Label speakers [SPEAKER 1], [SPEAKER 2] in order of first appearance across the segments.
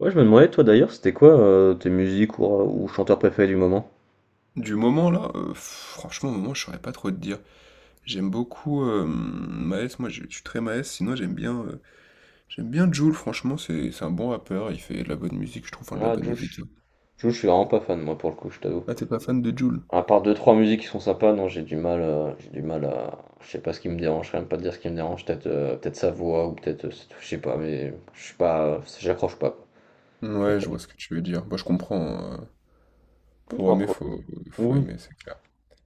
[SPEAKER 1] Ouais, je me demandais, toi d'ailleurs, c'était quoi tes musiques ou chanteurs préférés du moment?
[SPEAKER 2] Du moment là, franchement, au moment, je saurais pas trop te dire. J'aime beaucoup, Maes, moi je suis très Maes, sinon j'aime bien Jul, franchement, c'est un bon rappeur, il fait de la bonne musique, je trouve, enfin de la
[SPEAKER 1] Ah,
[SPEAKER 2] bonne
[SPEAKER 1] Jules,
[SPEAKER 2] musique, hein.
[SPEAKER 1] Jules, je suis vraiment pas fan, moi, pour le coup, je t'avoue.
[SPEAKER 2] Ah, t'es pas fan de Jul?
[SPEAKER 1] À part deux, trois musiques qui sont sympas, non, j'ai du mal à. Je sais pas ce qui me dérange, je sais même pas te dire ce qui me dérange, peut-être sa voix, ou c'est tout, je sais pas, mais je suis pas. J'accroche pas, quoi.
[SPEAKER 2] Ouais, je
[SPEAKER 1] J'accroche.
[SPEAKER 2] vois ce que tu veux dire. Bah, je comprends, hein, pour
[SPEAKER 1] Non,
[SPEAKER 2] aimer,
[SPEAKER 1] quoi.
[SPEAKER 2] faut
[SPEAKER 1] Oui.
[SPEAKER 2] aimer, c'est clair.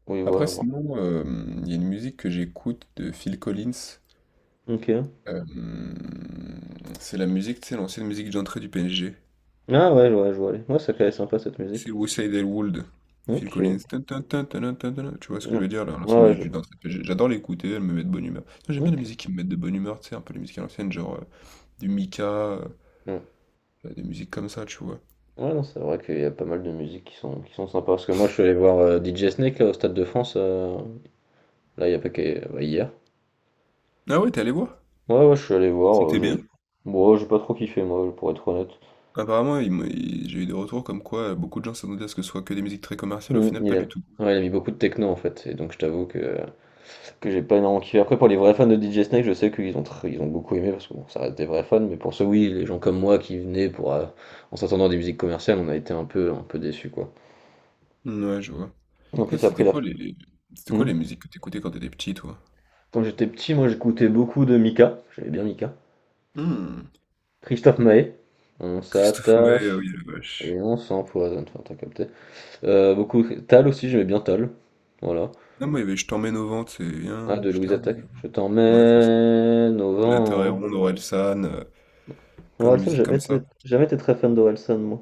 [SPEAKER 1] Oui,
[SPEAKER 2] Après
[SPEAKER 1] voilà, non.
[SPEAKER 2] sinon, il y a une musique que j'écoute de Phil Collins,
[SPEAKER 1] Ok.
[SPEAKER 2] hem, c'est la musique, tu sais, l'ancienne musique d'entrée du PSG.
[SPEAKER 1] Ah, ouais, ouais, je vois, aller. Ouais, ça calait sympa, cette
[SPEAKER 2] C'est
[SPEAKER 1] musique.
[SPEAKER 2] Westside Elwood, Phil
[SPEAKER 1] Ok.
[SPEAKER 2] Collins. Tan, tan, tan, tan, tan, tan. Tu vois ce que je
[SPEAKER 1] Ouais,
[SPEAKER 2] veux dire là, l'ancienne
[SPEAKER 1] ouais,
[SPEAKER 2] musique
[SPEAKER 1] je.
[SPEAKER 2] du dance RPG. J'adore l'écouter, elle me met de bonne humeur. Non, j'aime bien les
[SPEAKER 1] Ok.
[SPEAKER 2] musiques qui me mettent de bonne humeur, tu sais, un peu les musiques à l'ancienne, genre du Mika,
[SPEAKER 1] Ouais.
[SPEAKER 2] des musiques comme ça, tu vois.
[SPEAKER 1] Ouais, non, c'est vrai qu'il y a pas mal de musiques qui sont sympas. Parce que moi, je suis allé voir DJ Snake là, au Stade de France, là, il y a pas qu'à- bah, hier.
[SPEAKER 2] Ah ouais, t'es allé voir?
[SPEAKER 1] Ouais, ouais, je suis allé voir.
[SPEAKER 2] C'était bien.
[SPEAKER 1] Bon, ouais, j'ai pas trop kiffé, moi, pour être honnête.
[SPEAKER 2] Apparemment, j'ai eu des retours comme quoi beaucoup de gens s'attendaient à ce que ce soit que des musiques très commerciales, au
[SPEAKER 1] Mm,
[SPEAKER 2] final,
[SPEAKER 1] il
[SPEAKER 2] pas
[SPEAKER 1] a...
[SPEAKER 2] du tout.
[SPEAKER 1] ouais, il a mis beaucoup de techno, en fait. Et donc, je t'avoue que j'ai pas énormément kiffé. Après, pour les vrais fans de DJ Snake, je sais qu'ils ont, tr- ils ont beaucoup aimé, parce que bon, ça reste des vrais fans. Mais pour ceux, oui, les gens comme moi qui venaient en s'attendant à des musiques commerciales, on a été un peu déçus, quoi.
[SPEAKER 2] Ouais, je vois.
[SPEAKER 1] En
[SPEAKER 2] Toi,
[SPEAKER 1] plus, après,
[SPEAKER 2] c'était
[SPEAKER 1] la.
[SPEAKER 2] quoi les... C'était quoi
[SPEAKER 1] Mm.
[SPEAKER 2] les musiques que t'écoutais quand t'étais petit, toi?
[SPEAKER 1] Quand j'étais petit, moi, j'écoutais beaucoup de Mika. J'aimais bien Mika.
[SPEAKER 2] Hmm.
[SPEAKER 1] Christophe Maé. On
[SPEAKER 2] Christophe Maé, ah
[SPEAKER 1] s'attache
[SPEAKER 2] oui, la vache.
[SPEAKER 1] et on s'empoisonne. Enfin, t'as capté. Beaucoup. Tal aussi, j'aimais bien Tal. Voilà.
[SPEAKER 2] Ah, moi, il y avait Je t'emmène au vent, c'est
[SPEAKER 1] Ah,
[SPEAKER 2] bien,
[SPEAKER 1] de
[SPEAKER 2] je
[SPEAKER 1] Louise
[SPEAKER 2] t'emmène
[SPEAKER 1] Attaque.
[SPEAKER 2] au
[SPEAKER 1] Je
[SPEAKER 2] vent. Ouais, c'est
[SPEAKER 1] t'emmène au
[SPEAKER 2] La Terre est
[SPEAKER 1] vent.
[SPEAKER 2] ronde, Orelsan, plein de
[SPEAKER 1] Orelsan,
[SPEAKER 2] musique comme ça.
[SPEAKER 1] jamais été très fan d'Orelsan, moi.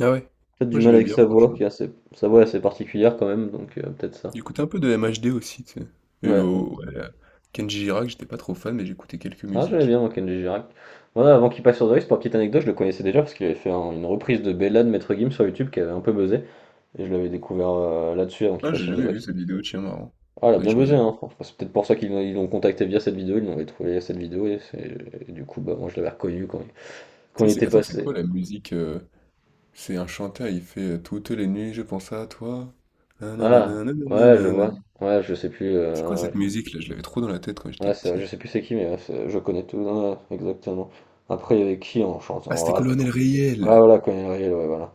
[SPEAKER 2] Ah ouais?
[SPEAKER 1] Peut-être du
[SPEAKER 2] Moi
[SPEAKER 1] mal
[SPEAKER 2] j'aimais
[SPEAKER 1] avec
[SPEAKER 2] bien
[SPEAKER 1] sa voix,
[SPEAKER 2] franchement.
[SPEAKER 1] sa voix est assez particulière quand même, donc peut-être ça.
[SPEAKER 2] J'écoutais un peu de MHD aussi, tu sais. Et
[SPEAKER 1] Ouais.
[SPEAKER 2] oh, ouais, Kenji Girac, j'étais pas trop fan, mais j'écoutais quelques
[SPEAKER 1] Ah, j'aimais
[SPEAKER 2] musiques.
[SPEAKER 1] bien, moi, Kenji Girac. Voilà, avant qu'il passe sur The Voice, pour petite anecdote, je le connaissais déjà parce qu'il avait fait une reprise de Bella de Maître Gims sur YouTube qui avait un peu buzzé. Et je l'avais découvert là-dessus avant qu'il
[SPEAKER 2] Ah,
[SPEAKER 1] passe
[SPEAKER 2] j'ai
[SPEAKER 1] sur The
[SPEAKER 2] jamais vu
[SPEAKER 1] Voice.
[SPEAKER 2] cette vidéo, tiens, marrant.
[SPEAKER 1] Ah, elle a
[SPEAKER 2] Faudrait que
[SPEAKER 1] bien
[SPEAKER 2] je
[SPEAKER 1] buzzé,
[SPEAKER 2] regarde.
[SPEAKER 1] hein. Enfin, c'est peut-être pour ça qu'ils l'ont- ils l'ont contacté via cette vidéo, ils l'ont trouvé cette vidéo, et du coup, bah, moi je l'avais reconnu quand il, quand il était
[SPEAKER 2] Attends, c'est
[SPEAKER 1] passé.
[SPEAKER 2] quoi la musique? C'est un chanteur, il fait Toutes les nuits, je pense à toi.
[SPEAKER 1] Ah,
[SPEAKER 2] Nananana,
[SPEAKER 1] ouais, je
[SPEAKER 2] nananana.
[SPEAKER 1] vois. Ouais, je sais plus.
[SPEAKER 2] C'est quoi cette musique là? Je l'avais trop dans la tête quand j'étais
[SPEAKER 1] Je
[SPEAKER 2] petit.
[SPEAKER 1] sais plus c'est qui, mais je connais tout, ouais, exactement. Après, il y avait qui en chantant
[SPEAKER 2] Ah,
[SPEAKER 1] en
[SPEAKER 2] c'était
[SPEAKER 1] rap?
[SPEAKER 2] Colonel
[SPEAKER 1] Ah,
[SPEAKER 2] Riel.
[SPEAKER 1] voilà, Conan Riel, ouais, voilà.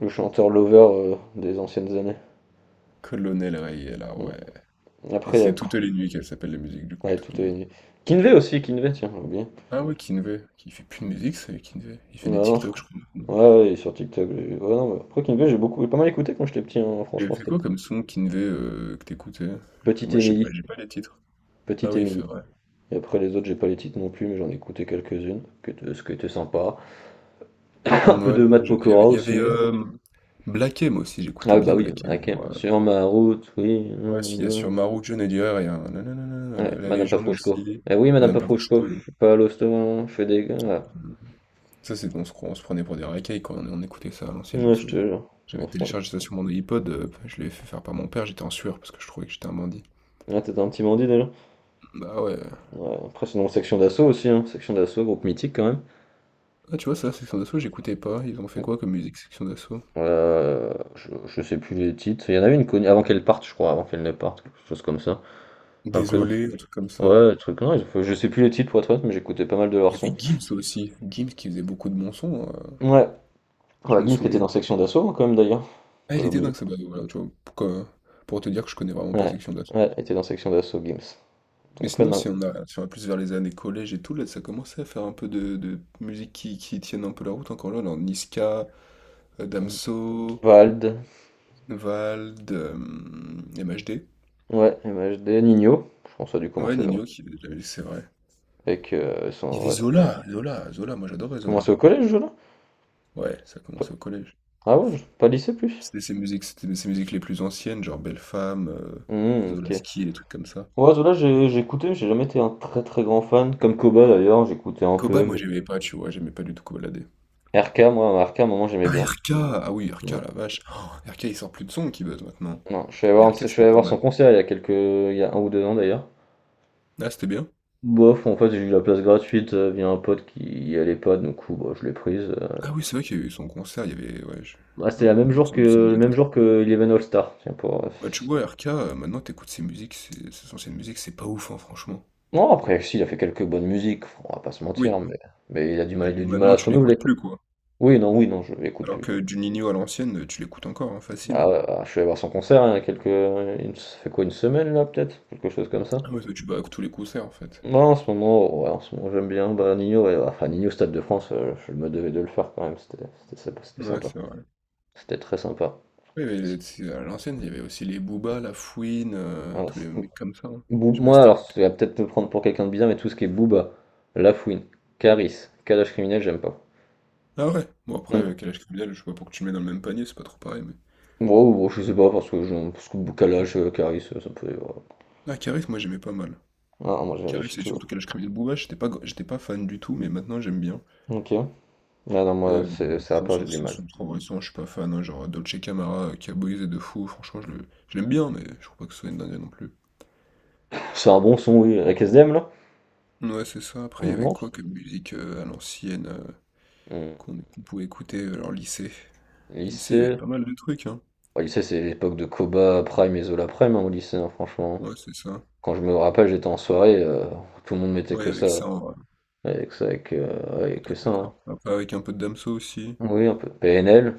[SPEAKER 1] Le chanteur Lover des anciennes années.
[SPEAKER 2] Colonel Riel, ah ouais.
[SPEAKER 1] Mm.
[SPEAKER 2] Et
[SPEAKER 1] Après, il y
[SPEAKER 2] c'était
[SPEAKER 1] a quoi.
[SPEAKER 2] Toutes les nuits qu'elle s'appelle la musique, du coup,
[SPEAKER 1] Ouais,
[SPEAKER 2] Toutes
[SPEAKER 1] tout
[SPEAKER 2] les
[SPEAKER 1] est
[SPEAKER 2] nuits.
[SPEAKER 1] nu. Kinvey aussi, Kinvey, tiens, j'ai oublié.
[SPEAKER 2] Ah ouais, Kinvey, qui fait plus de musique, c'est Kinvey. Il fait
[SPEAKER 1] Ouais,
[SPEAKER 2] des
[SPEAKER 1] non, je
[SPEAKER 2] TikTok,
[SPEAKER 1] crois.
[SPEAKER 2] je crois, maintenant.
[SPEAKER 1] Ouais, ouais, il est sur TikTok. Ouais, non, mais après Kinvey, j'ai beaucoup, pas mal écouté quand j'étais petit, hein,
[SPEAKER 2] Il avait
[SPEAKER 1] franchement,
[SPEAKER 2] fait
[SPEAKER 1] c'était
[SPEAKER 2] quoi comme son, Kinvey, que t'écoutais?
[SPEAKER 1] Petite
[SPEAKER 2] Moi, je sais
[SPEAKER 1] Émilie,
[SPEAKER 2] pas, j'ai pas les titres. Ah
[SPEAKER 1] Petite
[SPEAKER 2] oui, c'est
[SPEAKER 1] Émilie.
[SPEAKER 2] vrai.
[SPEAKER 1] Et après les autres, j'ai pas les titres non plus, mais j'en ai écouté quelques-unes, que ce qui était sympa. Un
[SPEAKER 2] Mm,
[SPEAKER 1] peu
[SPEAKER 2] ouais,
[SPEAKER 1] de
[SPEAKER 2] non,
[SPEAKER 1] Matt
[SPEAKER 2] j'ai-
[SPEAKER 1] Pokora
[SPEAKER 2] il y avait,
[SPEAKER 1] aussi.
[SPEAKER 2] Black M aussi,
[SPEAKER 1] Ah
[SPEAKER 2] j'écoutais
[SPEAKER 1] oui, bah
[SPEAKER 2] bien
[SPEAKER 1] oui,
[SPEAKER 2] Black M,
[SPEAKER 1] ah,
[SPEAKER 2] moi.
[SPEAKER 1] sur ma route, oui.
[SPEAKER 2] Ouais,
[SPEAKER 1] Hum,
[SPEAKER 2] s'il y a sur
[SPEAKER 1] hum.
[SPEAKER 2] Maru, John et Dior, il y a un nanana,
[SPEAKER 1] Ouais,
[SPEAKER 2] la
[SPEAKER 1] Madame
[SPEAKER 2] légende
[SPEAKER 1] Pafrouchko.
[SPEAKER 2] aussi.
[SPEAKER 1] Eh oui, Madame
[SPEAKER 2] Madame
[SPEAKER 1] Pafrouchko, je
[SPEAKER 2] Pavoshko.
[SPEAKER 1] suis pas à l'hosto, je fais des gars.
[SPEAKER 2] Ça, c'est qu'on se, cro- on se prenait pour des racailles quand on écoutait ça à l'ancienne, je me
[SPEAKER 1] Ouais, je te
[SPEAKER 2] souviens.
[SPEAKER 1] jure.
[SPEAKER 2] J'avais téléchargé ça sur mon iPod, je l'avais fait faire par mon père, j'étais en sueur parce que je trouvais que j'étais un bandit.
[SPEAKER 1] Ah, t'étais un petit bandit déjà.
[SPEAKER 2] Bah ouais.
[SPEAKER 1] Ouais, après, sinon, section d'assaut aussi, hein. Section d'assaut, groupe mythique quand même.
[SPEAKER 2] Ah, tu vois, ça, Section d'Assaut, j'écoutais pas. Ils ont fait quoi comme musique, Section d'Assaut?
[SPEAKER 1] Je sais plus les titres. Il y en avait une connue avant qu'elle parte, je crois, avant qu'elle ne parte, quelque chose comme ça. Après,
[SPEAKER 2] Désolé, un truc comme ça.
[SPEAKER 1] Ouais, truc, non, je sais plus les titres pour être honnête, mais j'écoutais pas mal de
[SPEAKER 2] Il
[SPEAKER 1] leurs
[SPEAKER 2] y avait
[SPEAKER 1] sons.
[SPEAKER 2] Gims aussi. Gims qui faisait beaucoup de bons sons,
[SPEAKER 1] Ouais,
[SPEAKER 2] je
[SPEAKER 1] ouais,
[SPEAKER 2] me
[SPEAKER 1] Gims qui était
[SPEAKER 2] souviens.
[SPEAKER 1] dans section d'assaut, hein, quand même d'ailleurs, faut
[SPEAKER 2] Ah,
[SPEAKER 1] pas
[SPEAKER 2] il était
[SPEAKER 1] l'oublier.
[SPEAKER 2] dingue, ça. Bah, voilà, tu vois, pour te dire que je connais vraiment pas
[SPEAKER 1] Ouais,
[SPEAKER 2] Section d'Assaut.
[SPEAKER 1] ouais, était dans section d'assaut, Gims.
[SPEAKER 2] Mais
[SPEAKER 1] Donc, ouais,
[SPEAKER 2] sinon,
[SPEAKER 1] non.
[SPEAKER 2] si on va plus vers les années collège et tout, là, ça commençait à faire un peu de musique qui tienne un peu la route encore là. Dans Niska, Damso,
[SPEAKER 1] Vald,
[SPEAKER 2] Vald, MHD.
[SPEAKER 1] ouais, MHD Nino, je pense que ça a dû
[SPEAKER 2] Ouais,
[SPEAKER 1] commencer vers.
[SPEAKER 2] Nino, c'est vrai.
[SPEAKER 1] Avec
[SPEAKER 2] Il y
[SPEAKER 1] son.
[SPEAKER 2] avait
[SPEAKER 1] Ouais.
[SPEAKER 2] Zola, Zola, Zola, moi j'adorais
[SPEAKER 1] Commencé
[SPEAKER 2] Zola.
[SPEAKER 1] au collège, Zola?
[SPEAKER 2] Ouais, ça commençait au collège.
[SPEAKER 1] Ah ouais, pas lycée plus?
[SPEAKER 2] C'était ses musiques les plus anciennes, genre Belle Femme,
[SPEAKER 1] Hmm, ok.
[SPEAKER 2] Zolaski, les trucs comme ça.
[SPEAKER 1] Ouais, Zola, j'ai écouté, mais j'ai jamais été un très très grand fan. Comme Koba d'ailleurs, j'écoutais un
[SPEAKER 2] Koba,
[SPEAKER 1] peu,
[SPEAKER 2] moi
[SPEAKER 1] mais.
[SPEAKER 2] j'aimais pas, tu vois, j'aimais pas du tout Kobalade.
[SPEAKER 1] RK, à un moment, j'aimais
[SPEAKER 2] Ah,
[SPEAKER 1] bien.
[SPEAKER 2] RK! Ah oui, RK, la vache. Oh, RK, il sort plus de son qui buzz maintenant.
[SPEAKER 1] Non,
[SPEAKER 2] Mais RK,
[SPEAKER 1] je suis
[SPEAKER 2] c'était
[SPEAKER 1] allé
[SPEAKER 2] pas
[SPEAKER 1] voir son
[SPEAKER 2] mal.
[SPEAKER 1] concert il y a un ou deux ans d'ailleurs.
[SPEAKER 2] Ah, c'était bien.
[SPEAKER 1] Bof, en fait j'ai eu la place gratuite via un pote qui y allait pas, du coup bah, je l'ai prise.
[SPEAKER 2] Ah oui, c'est vrai qu'il y a eu son concert, il y avait. Ouais, je-
[SPEAKER 1] Bah, c'était
[SPEAKER 2] non,
[SPEAKER 1] la même
[SPEAKER 2] moi
[SPEAKER 1] jour que
[SPEAKER 2] ça me
[SPEAKER 1] le
[SPEAKER 2] donnait pas
[SPEAKER 1] même
[SPEAKER 2] trop.
[SPEAKER 1] jour que Eleven All Star. Tiens pour.
[SPEAKER 2] Bah, tu vois, RK, maintenant t'écoutes ses musiques, ses anciennes musiques, c'est pas ouf, hein, franchement.
[SPEAKER 1] Non après si il a fait quelques bonnes musiques, on va pas se mentir,
[SPEAKER 2] Oui,
[SPEAKER 1] mais
[SPEAKER 2] mais
[SPEAKER 1] il a du mal
[SPEAKER 2] maintenant
[SPEAKER 1] à se
[SPEAKER 2] tu
[SPEAKER 1] renouveler
[SPEAKER 2] l'écoutes
[SPEAKER 1] quoi.
[SPEAKER 2] plus, quoi.
[SPEAKER 1] Oui non oui non je l'écoute
[SPEAKER 2] Alors
[SPEAKER 1] plus.
[SPEAKER 2] que du Nino à l'ancienne, tu l'écoutes encore, hein, facile,
[SPEAKER 1] Bah,
[SPEAKER 2] hein.
[SPEAKER 1] ouais, bah, je suis allé voir son concert hein, il y a quelques, il me- ça fait quoi une semaine là peut-être, quelque chose comme ça.
[SPEAKER 2] Ah ouais, toi, tu vas à tous les concerts en fait.
[SPEAKER 1] Moi en ce moment, ouais, En ce moment j'aime bien bah, Nino, ouais, enfin Nino au Stade de France, je me devais de le faire quand même, c'était sympa, c'était
[SPEAKER 2] Ouais,
[SPEAKER 1] sympa.
[SPEAKER 2] c'est vrai.
[SPEAKER 1] C'était très sympa.
[SPEAKER 2] Oui, mais le tu à l'ancienne, il y avait aussi les Booba, la Fouine,
[SPEAKER 1] Ouais,
[SPEAKER 2] tous les
[SPEAKER 1] c'est-
[SPEAKER 2] mecs comme ça, hein. Je sais pas si
[SPEAKER 1] Moi alors,
[SPEAKER 2] t'écoutais.
[SPEAKER 1] ça va peut-être me prendre pour quelqu'un de bizarre, mais tout ce qui est Booba, Lafouine, Caris, Kalash criminel, j'aime pas.
[SPEAKER 2] Ah ouais? Bon,
[SPEAKER 1] Mm.
[SPEAKER 2] après, Calage Criminel, je sais pas pour que tu le mets dans le même panier, c'est pas trop pareil, mais.
[SPEAKER 1] Bon, je sais pas, parce que Kalash, Caris, ça me fait. Voilà.
[SPEAKER 2] Ah, Caris, moi j'aimais pas mal.
[SPEAKER 1] Ah, moi j'ai
[SPEAKER 2] Caris et surtout
[SPEAKER 1] toujours.
[SPEAKER 2] Calage Criminel Booba, j'étais pas fan du tout, mais maintenant j'aime bien.
[SPEAKER 1] Ok. Ah non, moi,
[SPEAKER 2] Euh,
[SPEAKER 1] c'est à
[SPEAKER 2] enfin,
[SPEAKER 1] part, j'ai
[SPEAKER 2] sauf
[SPEAKER 1] du
[SPEAKER 2] si
[SPEAKER 1] mal.
[SPEAKER 2] sont trop récents, je suis pas fan, hein, genre Dolce Camara, Caboise et De Fou, franchement, je l'aime bien, mais je trouve pas que ce soit une dinguerie non plus.
[SPEAKER 1] C'est un bon son, oui, avec SDM là?
[SPEAKER 2] Ouais, c'est ça. Après, il y avait
[SPEAKER 1] Non.
[SPEAKER 2] quoi comme musique à l'ancienne
[SPEAKER 1] Mm.
[SPEAKER 2] qu'on pouvait écouter, alors lycée? Lycée, il y avait
[SPEAKER 1] Lycée.
[SPEAKER 2] pas mal de trucs, hein.
[SPEAKER 1] Au lycée, c'est l'époque de Koba Prime et Zola Prime, hein, au lycée, hein, franchement.
[SPEAKER 2] Ouais, c'est ça.
[SPEAKER 1] Quand je me rappelle, j'étais en soirée, tout le monde mettait
[SPEAKER 2] Ouais,
[SPEAKER 1] que
[SPEAKER 2] avec
[SPEAKER 1] ça.
[SPEAKER 2] ça, en vrai.
[SPEAKER 1] Ouais, que
[SPEAKER 2] Écoute,
[SPEAKER 1] ça, hein.
[SPEAKER 2] après, avec un peu de Damso aussi.
[SPEAKER 1] Oui, un peu. PNL.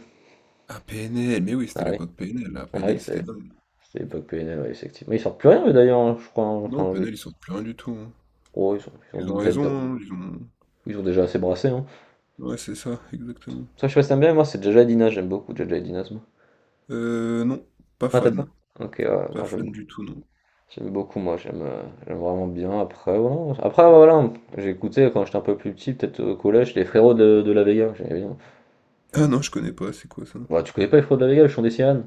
[SPEAKER 2] Ah, PNL, mais oui, c'était
[SPEAKER 1] Ah oui,
[SPEAKER 2] l'époque PNL, là.
[SPEAKER 1] ah oui,
[SPEAKER 2] PNL, c'était
[SPEAKER 1] c'est
[SPEAKER 2] dingue.
[SPEAKER 1] c'est l'époque PNL, ouais, effectivement. Ils sortent plus rien, eux, d'ailleurs, hein, je crois, hein.
[SPEAKER 2] Non, PNL, ils sortent plus rien du tout, hein.
[SPEAKER 1] Oh, ils sont, ils
[SPEAKER 2] Ils ont
[SPEAKER 1] sont peut-être
[SPEAKER 2] raison, hein, ils ont...
[SPEAKER 1] ils ont déjà assez brassé, hein.
[SPEAKER 2] Ouais, c'est ça, exactement.
[SPEAKER 1] Ça, je sais pas si t'aimes bien, moi, c'est Jaja et Dina, j'aime beaucoup Jaja et Dina, c'est bon.
[SPEAKER 2] Non, pas
[SPEAKER 1] Ah, t'aimes
[SPEAKER 2] fan.
[SPEAKER 1] pas? Ok, ouais,
[SPEAKER 2] Pas
[SPEAKER 1] moi,
[SPEAKER 2] fan
[SPEAKER 1] j'aime
[SPEAKER 2] du tout, non.
[SPEAKER 1] J'aime beaucoup, moi, j'aime vraiment bien. Après, voilà. J'ai écouté quand j'étais un peu plus petit, peut-être au collège, les frérots de la Vega, j'aimais bien.
[SPEAKER 2] Ah non, je connais pas, c'est quoi ça?
[SPEAKER 1] Bah, tu connais pas les frérots de la Vega, ils sont des sirènes?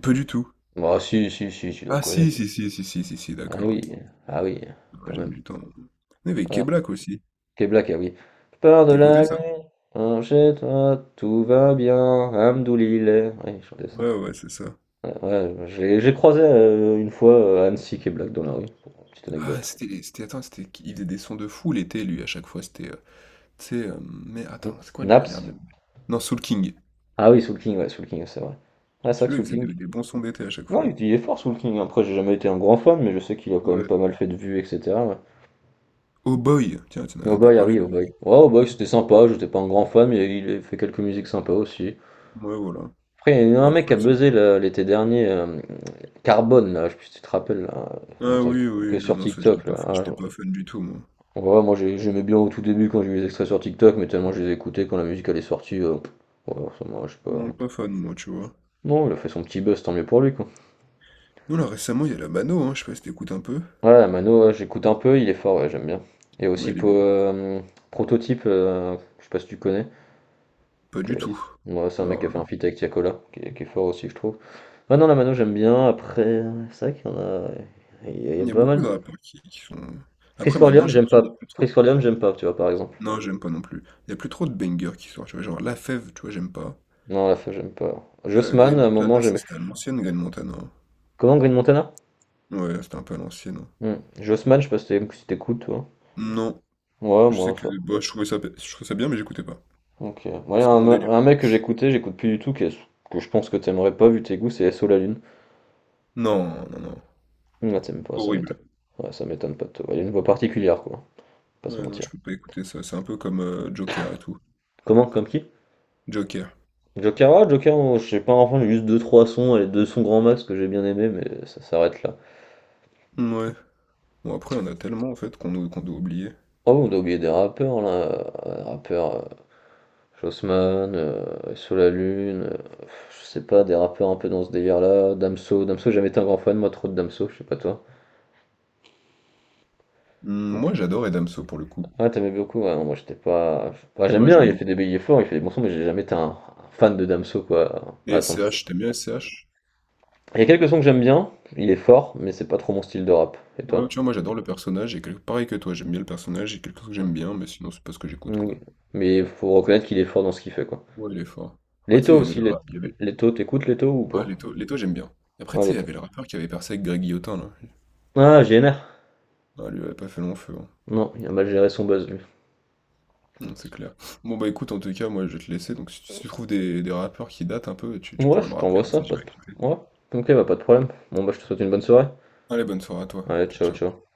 [SPEAKER 2] Pas du tout.
[SPEAKER 1] Bah, si, si, si, tu dois
[SPEAKER 2] Ah si,
[SPEAKER 1] connaître.
[SPEAKER 2] si, si, si, si, si, si,
[SPEAKER 1] Ah
[SPEAKER 2] d'accord, oui.
[SPEAKER 1] oui, ah oui,
[SPEAKER 2] Ah,
[SPEAKER 1] quand
[SPEAKER 2] j'aime
[SPEAKER 1] même.
[SPEAKER 2] du temps. Mais avec
[SPEAKER 1] Ah,
[SPEAKER 2] Keblak aussi.
[SPEAKER 1] Key Black, ah oui. Peur de
[SPEAKER 2] T'écoutais
[SPEAKER 1] la
[SPEAKER 2] ça?
[SPEAKER 1] nuit, chez toi, tout va bien, Hamdoulilé. Oui, je chantais ça.
[SPEAKER 2] Ouais, ouais, c'est ça.
[SPEAKER 1] Ouais, ouais, j'ai croisé une fois Annecy Key Black dans la rue, pour une petite
[SPEAKER 2] Ah,
[SPEAKER 1] anecdote.
[SPEAKER 2] c'était... les- c'était... Attends, c'était... qui- Il faisait des sons de fou l'été, lui, à chaque fois, mais
[SPEAKER 1] Hmm.
[SPEAKER 2] attends, c'est quoi déjà l'air de
[SPEAKER 1] Naps?
[SPEAKER 2] la non, Soul King.
[SPEAKER 1] Ah oui, Soul King, ouais, Soul King, c'est vrai. Ah, c'est vrai que
[SPEAKER 2] Celui-là, il
[SPEAKER 1] Soul
[SPEAKER 2] faisait
[SPEAKER 1] King.
[SPEAKER 2] des bons sons d'été à chaque
[SPEAKER 1] Non,
[SPEAKER 2] fois.
[SPEAKER 1] il est fort sous le King. Après, j'ai jamais été un grand fan, mais je sais qu'il a quand même
[SPEAKER 2] Ouais.
[SPEAKER 1] pas mal fait de vues, etc. Ouais.
[SPEAKER 2] Oh Boy! Tiens, tu n'as
[SPEAKER 1] Oh
[SPEAKER 2] même pas
[SPEAKER 1] boy, ah
[SPEAKER 2] parlé
[SPEAKER 1] oui,
[SPEAKER 2] de
[SPEAKER 1] oh boy. Ouais, oh boy, c'était sympa. J'étais pas un grand fan, mais il a fait quelques musiques sympas aussi.
[SPEAKER 2] ouais, voilà.
[SPEAKER 1] Après, il y a un mec qui
[SPEAKER 2] Après
[SPEAKER 1] a
[SPEAKER 2] c'est
[SPEAKER 1] buzzé là, l'été dernier, Carbone, là, je sais pas si tu te rappelles, là. On
[SPEAKER 2] ah
[SPEAKER 1] entendait
[SPEAKER 2] oui,
[SPEAKER 1] que
[SPEAKER 2] oui, ah
[SPEAKER 1] sur
[SPEAKER 2] non, ça,
[SPEAKER 1] TikTok, là.
[SPEAKER 2] j'étais pas fan du tout, moi.
[SPEAKER 1] Ouais, moi, j'aimais bien au tout début quand j'ai vu les extraits sur TikTok, mais tellement je les écoutais quand la musique elle est sortie, ouais, je sais pas.
[SPEAKER 2] Non, pas fan, moi, tu vois?
[SPEAKER 1] Non, il a fait son petit buzz, tant mieux pour lui, quoi.
[SPEAKER 2] Non, là, récemment, il y a la Mano, hein, je sais pas si tu un peu?
[SPEAKER 1] Ouais, Mano, ouais, j'écoute un peu, il est fort, ouais, j'aime bien. Et
[SPEAKER 2] Ouais,
[SPEAKER 1] aussi
[SPEAKER 2] elle est
[SPEAKER 1] pour
[SPEAKER 2] bien.
[SPEAKER 1] Prototype, je sais pas si tu connais,
[SPEAKER 2] Pas
[SPEAKER 1] qui
[SPEAKER 2] du
[SPEAKER 1] est-
[SPEAKER 2] tout.
[SPEAKER 1] ouais, c'est un mec
[SPEAKER 2] Alors
[SPEAKER 1] qui a
[SPEAKER 2] là,
[SPEAKER 1] fait un feat avec Tiakola, qui est fort aussi, je trouve. Ah non, la Mano, j'aime bien. Après, c'est vrai qu'il y en a, il y a
[SPEAKER 2] il y a
[SPEAKER 1] pas
[SPEAKER 2] beaucoup
[SPEAKER 1] mal
[SPEAKER 2] de rappeurs qui sont
[SPEAKER 1] Chris
[SPEAKER 2] après maintenant,
[SPEAKER 1] Corleone,
[SPEAKER 2] j'ai
[SPEAKER 1] j'aime
[SPEAKER 2] l'impression qu'il
[SPEAKER 1] pas.
[SPEAKER 2] y a plus
[SPEAKER 1] Chris
[SPEAKER 2] trop
[SPEAKER 1] Corleone, j'aime pas, tu vois, par exemple.
[SPEAKER 2] non, j'aime pas non plus. Il y a plus trop de bangers qui sortent, tu vois? Genre la fève tu vois, j'aime pas.
[SPEAKER 1] Non, la fin, j'aime pas. Jossman,
[SPEAKER 2] Green
[SPEAKER 1] à un moment,
[SPEAKER 2] Montana,
[SPEAKER 1] j'aimais.
[SPEAKER 2] c'était à l'ancienne Green Montana, hein.
[SPEAKER 1] Comment Green Montana?
[SPEAKER 2] Ouais, c'était un peu à l'ancienne, hein.
[SPEAKER 1] Hmm. Jossman, je sais pas si si t'écoutes, toi.
[SPEAKER 2] Non,
[SPEAKER 1] Ouais,
[SPEAKER 2] je sais
[SPEAKER 1] moi,
[SPEAKER 2] que
[SPEAKER 1] ça.
[SPEAKER 2] bah, je trouvais ça bien, mais j'écoutais pas.
[SPEAKER 1] Ok. Moi, y a
[SPEAKER 2] C'est pas
[SPEAKER 1] un,
[SPEAKER 2] mon
[SPEAKER 1] me-
[SPEAKER 2] délire.
[SPEAKER 1] un mec que j'écoutais, j'écoute plus du tout, que je pense que t'aimerais pas vu tes goûts, c'est SO La Lune.
[SPEAKER 2] Non, non, non.
[SPEAKER 1] Ah, t'aimes pas, ça m'étonne.
[SPEAKER 2] Horrible.
[SPEAKER 1] Ouais, ça m'étonne pas de toi. Il a une voix particulière, quoi. Pas se
[SPEAKER 2] Ouais, non,
[SPEAKER 1] mentir.
[SPEAKER 2] je peux pas écouter ça. C'est un peu comme Joker et tout.
[SPEAKER 1] Comment, comme qui?
[SPEAKER 2] Joker.
[SPEAKER 1] Joker, oh, je sais pas, enfin, j'ai juste deux trois sons, les deux sons grand max que j'ai bien aimé, mais ça s'arrête là.
[SPEAKER 2] Ouais. Bon, après, on a tellement, en fait, qu'on doit oublier.
[SPEAKER 1] Oh, on a oublié des rappeurs, là. Rappeurs, Jossman, Sous la Lune, je sais pas, des rappeurs un peu dans ce délire-là. Damso, j'ai jamais été un grand fan, moi, trop de Damso, je sais pas toi.
[SPEAKER 2] Hmm,
[SPEAKER 1] Ou pas.
[SPEAKER 2] moi, j'adore Edamso, pour le coup.
[SPEAKER 1] Ah, t'aimais beaucoup, ouais, non, moi, j'étais pas. Enfin, j'aime
[SPEAKER 2] Moi,
[SPEAKER 1] bien,
[SPEAKER 2] j'aime
[SPEAKER 1] il fait
[SPEAKER 2] beaucoup.
[SPEAKER 1] des billets forts, il fait des bons sons, mais j'ai jamais été un fan de Damso, quoi. Mais
[SPEAKER 2] Et S
[SPEAKER 1] attends
[SPEAKER 2] C H t'aimes bien S C H.
[SPEAKER 1] Il y a quelques sons que j'aime bien, il est fort, mais c'est pas trop mon style de rap. Et
[SPEAKER 2] Ouais, tu
[SPEAKER 1] toi?
[SPEAKER 2] vois, moi, j'adore le personnage. Et pareil que toi, j'aime bien le personnage. Et quelque chose que j'aime bien, mais sinon, c'est pas ce que j'écoute,
[SPEAKER 1] Oui.
[SPEAKER 2] quoi.
[SPEAKER 1] Mais il faut reconnaître qu'il est fort dans ce qu'il fait, quoi.
[SPEAKER 2] Ouais, il est fort. Après, tu sais,
[SPEAKER 1] Leto
[SPEAKER 2] il y avait
[SPEAKER 1] aussi,
[SPEAKER 2] le
[SPEAKER 1] Let-
[SPEAKER 2] rap. Il y avait...
[SPEAKER 1] Leto, t'écoutes Leto ou
[SPEAKER 2] Ouais,
[SPEAKER 1] pas?
[SPEAKER 2] Leto, Leto, j'aime bien. Après,
[SPEAKER 1] Ouais,
[SPEAKER 2] tu sais, il y
[SPEAKER 1] Leto.
[SPEAKER 2] avait le rappeur qui avait percé avec Greg Guillotin, là.
[SPEAKER 1] Ah, GNR.
[SPEAKER 2] Ah, lui, il avait pas fait long feu, hein.
[SPEAKER 1] Non, il a mal géré son buzz, lui.
[SPEAKER 2] Non, c'est
[SPEAKER 1] Parce
[SPEAKER 2] clair. Bon, bah, écoute, en tout cas, moi, je vais te laisser. Donc, si tu trouves des rappeurs qui datent un peu, tu, tu
[SPEAKER 1] Ouais,
[SPEAKER 2] pourrais
[SPEAKER 1] je
[SPEAKER 2] me rappeler,
[SPEAKER 1] t'envoie
[SPEAKER 2] comme
[SPEAKER 1] ça,
[SPEAKER 2] ça,
[SPEAKER 1] pas de.
[SPEAKER 2] j'irai écouter.
[SPEAKER 1] Ouais, ok, bah pas de problème. Bon, bah je te souhaite une bonne soirée.
[SPEAKER 2] Allez, bonne soirée à toi.
[SPEAKER 1] Allez,
[SPEAKER 2] Ciao,
[SPEAKER 1] ciao,
[SPEAKER 2] ciao.
[SPEAKER 1] ciao.